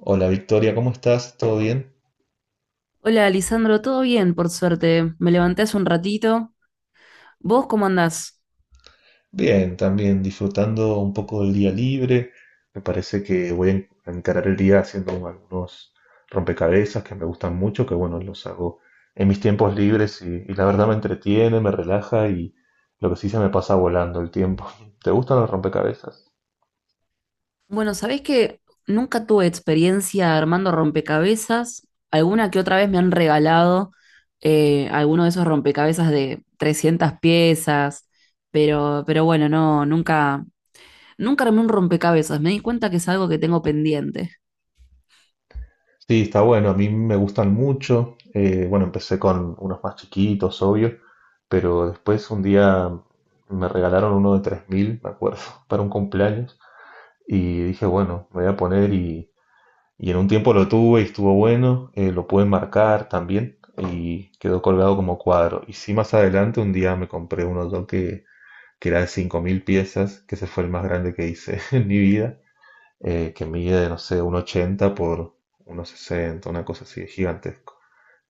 Hola Victoria, ¿cómo estás? ¿Todo bien? Hola, Lisandro, todo bien, por suerte. Me levanté hace un ratito. ¿Vos cómo andás? Bien, también disfrutando un poco del día libre. Me parece que voy a encarar el día haciendo algunos rompecabezas que me gustan mucho, que bueno, los hago en mis tiempos libres y la verdad me entretiene, me relaja y lo que sí se me pasa volando el tiempo. ¿Te gustan los rompecabezas? Bueno, sabés que nunca tuve experiencia armando rompecabezas. Alguna que otra vez me han regalado alguno de esos rompecabezas de 300 piezas, pero bueno, no, nunca armé un rompecabezas. Me di cuenta que es algo que tengo pendiente. Sí, está bueno, a mí me gustan mucho. Bueno, empecé con unos más chiquitos, obvio, pero después un día me regalaron uno de 3.000, me acuerdo, para un cumpleaños. Y dije, bueno, me voy a poner y en un tiempo lo tuve y estuvo bueno, lo pude marcar también y quedó colgado como cuadro. Y sí, más adelante un día me compré un otro que era de 5.000 piezas, que ese fue el más grande que hice en mi vida, que mide, no sé, un 80 por unos 60 una cosa así, gigantesco.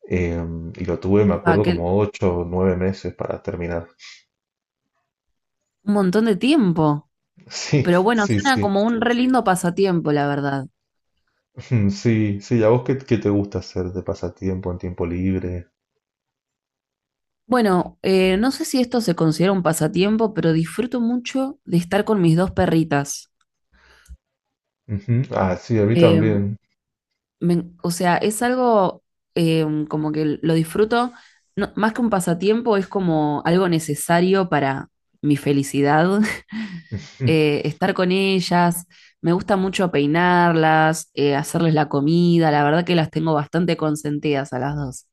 Eh, y lo tuve, me Ah, acuerdo, que como 8 o 9 meses para terminar. un montón de tiempo. Sí, Pero bueno, sí, suena sí. como un re lindo pasatiempo, la verdad. Sí, sí. ¿A vos qué te gusta hacer de pasatiempo en tiempo libre? Bueno, no sé si esto se considera un pasatiempo, pero disfruto mucho de estar con mis dos perritas. Ujú. Ah, sí, a mí Eh, también. O sea, es algo como que lo disfruto, más que un pasatiempo, es como algo necesario para mi felicidad. Estar con ellas, me gusta mucho peinarlas, hacerles la comida, la verdad que las tengo bastante consentidas a las dos.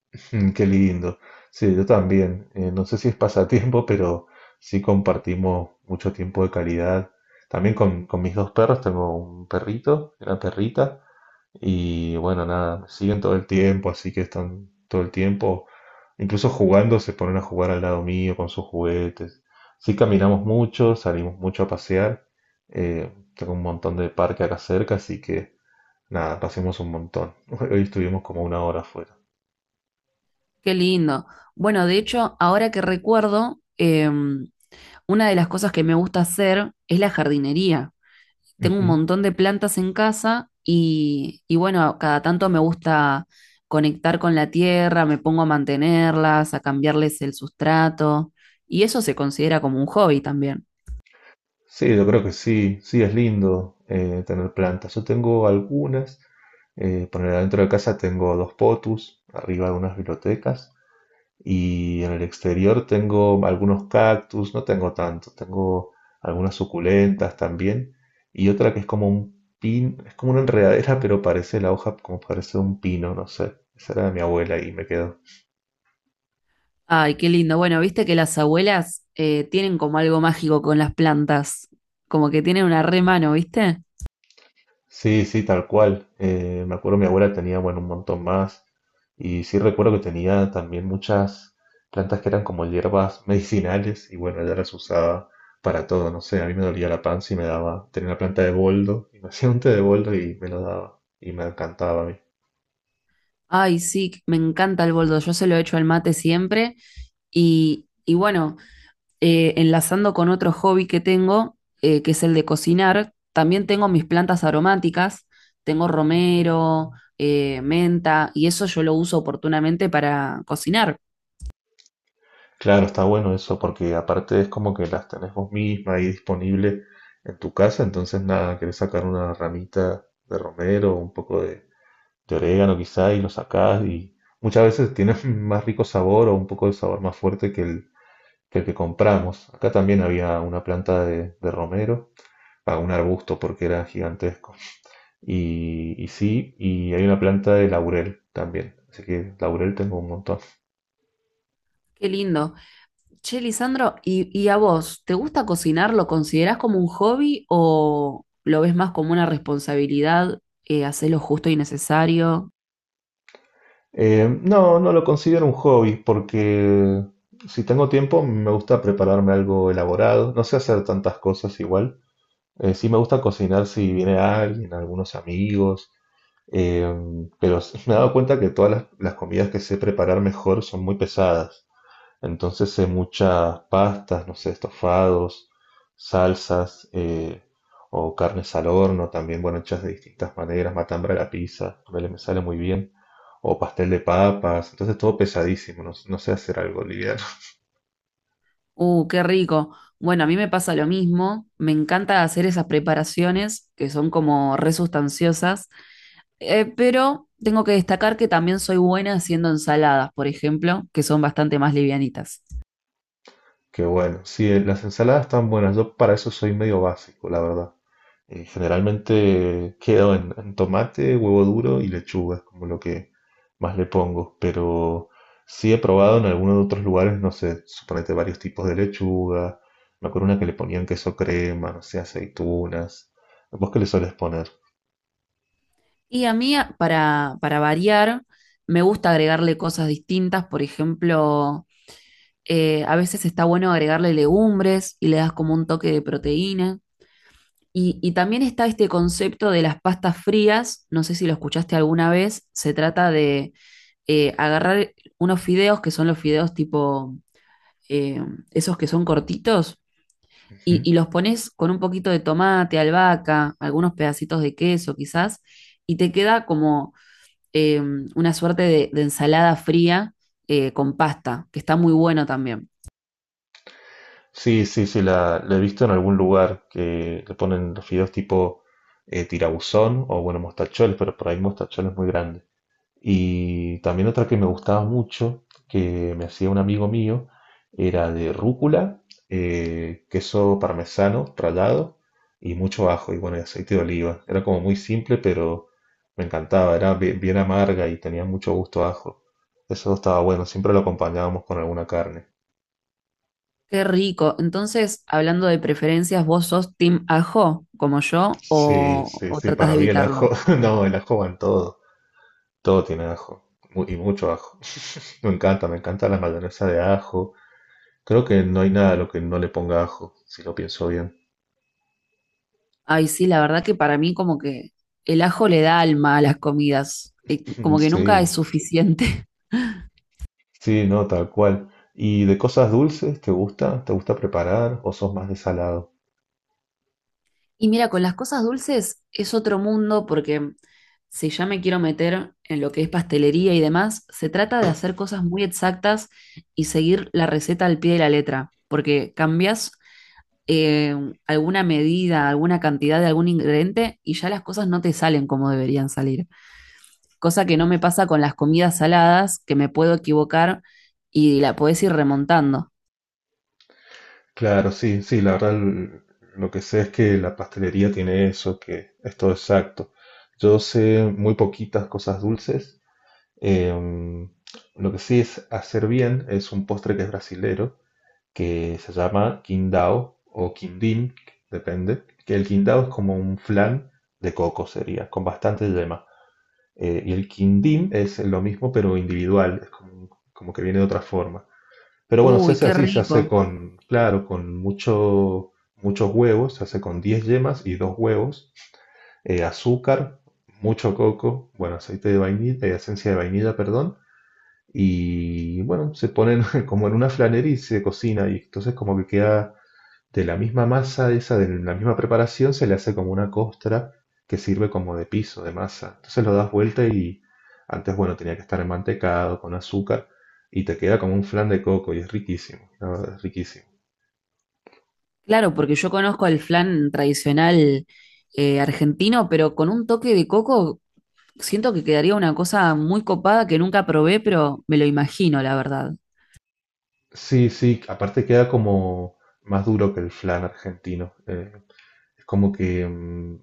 Qué lindo. Sí, yo también. No sé si es pasatiempo, pero sí compartimos mucho tiempo de calidad. También con mis dos perros. Tengo un perrito, una perrita. Y bueno, nada, me siguen todo el tiempo, así que están todo el tiempo. Incluso jugando, se ponen a jugar al lado mío con sus juguetes. Sí, caminamos mucho, salimos mucho a pasear. Tengo un montón de parque acá cerca, así que. Nada, pasemos un montón. Hoy estuvimos como una hora afuera. Qué lindo. Bueno, de hecho, ahora que recuerdo, una de las cosas que me gusta hacer es la jardinería. Tengo un Ujú. montón de plantas en casa y bueno, cada tanto me gusta conectar con la tierra, me pongo a mantenerlas, a cambiarles el sustrato y eso se considera como un hobby también. Sí, yo creo que sí, sí es lindo, tener plantas. Yo tengo algunas, poner adentro de casa tengo dos potus, arriba algunas bibliotecas y en el exterior tengo algunos cactus, no tengo tanto, tengo algunas suculentas también y otra que es como un pin, es como una enredadera pero parece la hoja como parece un pino, no sé. Esa era de mi abuela y me quedó. Ay, qué lindo. Bueno, viste que las abuelas tienen como algo mágico con las plantas, como que tienen una re mano, ¿viste? Sí, sí, tal cual. Me acuerdo mi abuela tenía, bueno, un montón más. Y sí recuerdo que tenía también muchas plantas que eran como hierbas medicinales y bueno, ella las usaba para todo. No sé, a mí me dolía la panza y me daba, tenía una planta de boldo y me hacía un té de boldo y me lo daba y me encantaba a mí. Ay, sí, me encanta el boldo, yo se lo echo al mate siempre y bueno. Enlazando con otro hobby que tengo, que es el de cocinar, también tengo mis plantas aromáticas, tengo romero, menta, y eso yo lo uso oportunamente para cocinar. Claro, está bueno eso porque aparte es como que las tenés vos misma ahí disponible en tu casa, entonces nada, querés sacar una ramita de romero, un poco de orégano quizá y lo sacás y muchas veces tiene más rico sabor o un poco de sabor más fuerte que el el que compramos. Acá también había una planta de romero, a un arbusto porque era gigantesco. Y sí, y hay una planta de laurel también. Así que laurel tengo un montón. Qué lindo. Che, Lisandro, y a vos? ¿Te gusta cocinar? ¿Lo considerás como un hobby o lo ves más como una responsabilidad? Hacer lo justo y necesario. No, no lo considero un hobby porque si tengo tiempo me gusta prepararme algo elaborado. No sé hacer tantas cosas igual. Sí me gusta cocinar si viene alguien, algunos amigos, eh, pero me he dado cuenta que todas las comidas que sé preparar mejor son muy pesadas. Entonces sé muchas pastas, no sé, estofados, salsas, o carnes al horno, también, bueno, hechas de distintas maneras, matambra a la pizza, ponele, me sale muy bien, o pastel de papas, entonces todo pesadísimo, no, no sé hacer algo liviano. Qué rico. Bueno, a mí me pasa lo mismo. Me encanta hacer esas preparaciones que son como resustanciosas. Pero tengo que destacar que también soy buena haciendo ensaladas, por ejemplo, que son bastante más livianitas. Que bueno, sí, las ensaladas están buenas, yo para eso soy medio básico, la verdad. Generalmente quedo en tomate, huevo duro y lechuga, es como lo que más le pongo. Pero sí he probado en algunos otros lugares, no sé, suponete varios tipos de lechuga. Me acuerdo una que le ponían queso crema, no sé, aceitunas. ¿Vos qué le sueles poner? Y a mí, para variar, me gusta agregarle cosas distintas. Por ejemplo, a veces está bueno agregarle legumbres y le das como un toque de proteína. Y también está este concepto de las pastas frías, no sé si lo escuchaste alguna vez, se trata de agarrar unos fideos que son los fideos eh, esos que son cortitos Ujú. y los pones con un poquito de tomate, albahaca, algunos pedacitos de queso quizás, y te queda como eh, una suerte de ensalada fría con pasta, que está muy bueno también. Sí, sí, sí, la he visto en algún lugar que le ponen los fideos tipo, tirabuzón o bueno, mostacholes, pero por ahí mostacholes muy grandes. Y también otra que me gustaba mucho, que me hacía un amigo mío, era de rúcula, queso parmesano rallado y mucho ajo y bueno, y aceite de oliva. Era como muy simple, pero me encantaba, era bien, amarga y tenía mucho gusto a ajo. Eso estaba bueno, siempre lo acompañábamos con alguna carne. Qué rico. Entonces, hablando de preferencias, ¿vos sos team ajo como yo Sí, sí, o sí, tratas para de mí el ajo, evitarlo? no, el ajo va en todo, todo tiene ajo y mucho ajo. Me encanta la mayonesa de ajo. Creo que no hay nada a lo que no le ponga ajo, si lo pienso bien. Ay, sí, la verdad que para mí como que el ajo le da alma a las comidas, como que nunca es Sí, suficiente. sí, no, tal cual. ¿Y de cosas dulces, te gusta? ¿Te gusta preparar o sos más de salado? Y mira, con las cosas dulces es otro mundo porque si ya me quiero meter en lo que es pastelería y demás, se trata de hacer cosas muy exactas y seguir la receta al pie de la letra, porque cambias eh, alguna medida, alguna cantidad de algún ingrediente y ya las cosas no te salen como deberían salir. Cosa que no me pasa con las comidas saladas, que me puedo equivocar y la podés ir remontando. Claro, sí, sí, la verdad, lo que sé es que la pastelería tiene eso, que es todo exacto. Yo sé muy poquitas cosas dulces. em, lo que sí es hacer bien es un postre que es brasilero, que se llama Qingdao o Quindín, depende, que el Qingdao es como un flan de coco sería, con bastante yema. Y el Quindín es lo mismo pero individual, es como que viene de otra forma. Pero bueno, se Uy, hace qué así, se hace rico. con, claro, con muchos huevos, se hace con 10 yemas y 2 huevos, azúcar, mucho coco, bueno, aceite de vainilla, esencia de vainilla, perdón, y bueno, se ponen como en una flanería y se cocina, y entonces como que queda de la misma masa esa, de la misma preparación, se le hace como una costra que sirve como de piso, de masa. Entonces lo das vuelta y antes, bueno, tenía que estar mantecado con azúcar y te queda como un flan de coco y es riquísimo, la verdad, es riquísimo. Claro, porque yo conozco el flan tradicional argentino, pero con un toque de coco siento que quedaría una cosa muy copada que nunca probé, pero me lo imagino, la verdad. Sí, sí, aparte queda como más duro que el flan argentino. Es como que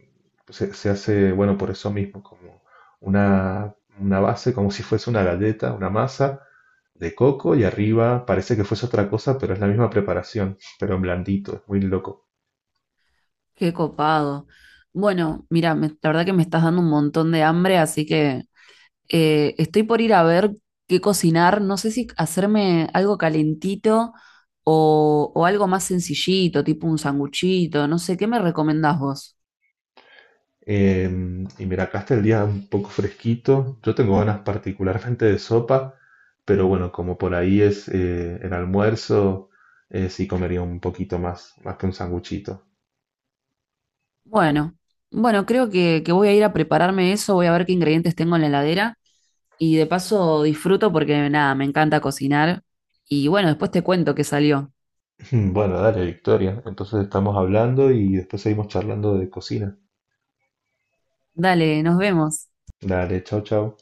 se hace, bueno, por eso mismo, como una base, como si fuese una galleta, una masa, de coco y arriba parece que fuese otra cosa, pero es la misma preparación, pero en blandito, es muy loco. Qué copado. Bueno, mira, la verdad que me estás dando un montón de hambre, así que estoy por ir a ver qué cocinar. No sé si hacerme algo calentito o algo más sencillito, tipo un sanguchito, no sé, ¿qué me recomendás vos? Eh, y mira, acá está el día un poco fresquito. Yo tengo ganas particularmente de sopa, pero bueno, como por ahí es, el almuerzo, sí comería un poquito más, más que un sanguchito. Bueno, bueno, creo que voy a ir a prepararme eso, voy a ver qué ingredientes tengo en la heladera y de paso disfruto porque nada, me encanta cocinar y bueno, después te cuento qué salió. Bueno, dale, Victoria. Entonces estamos hablando y después seguimos charlando de cocina. Dale, nos vemos. Dale, chao, chao.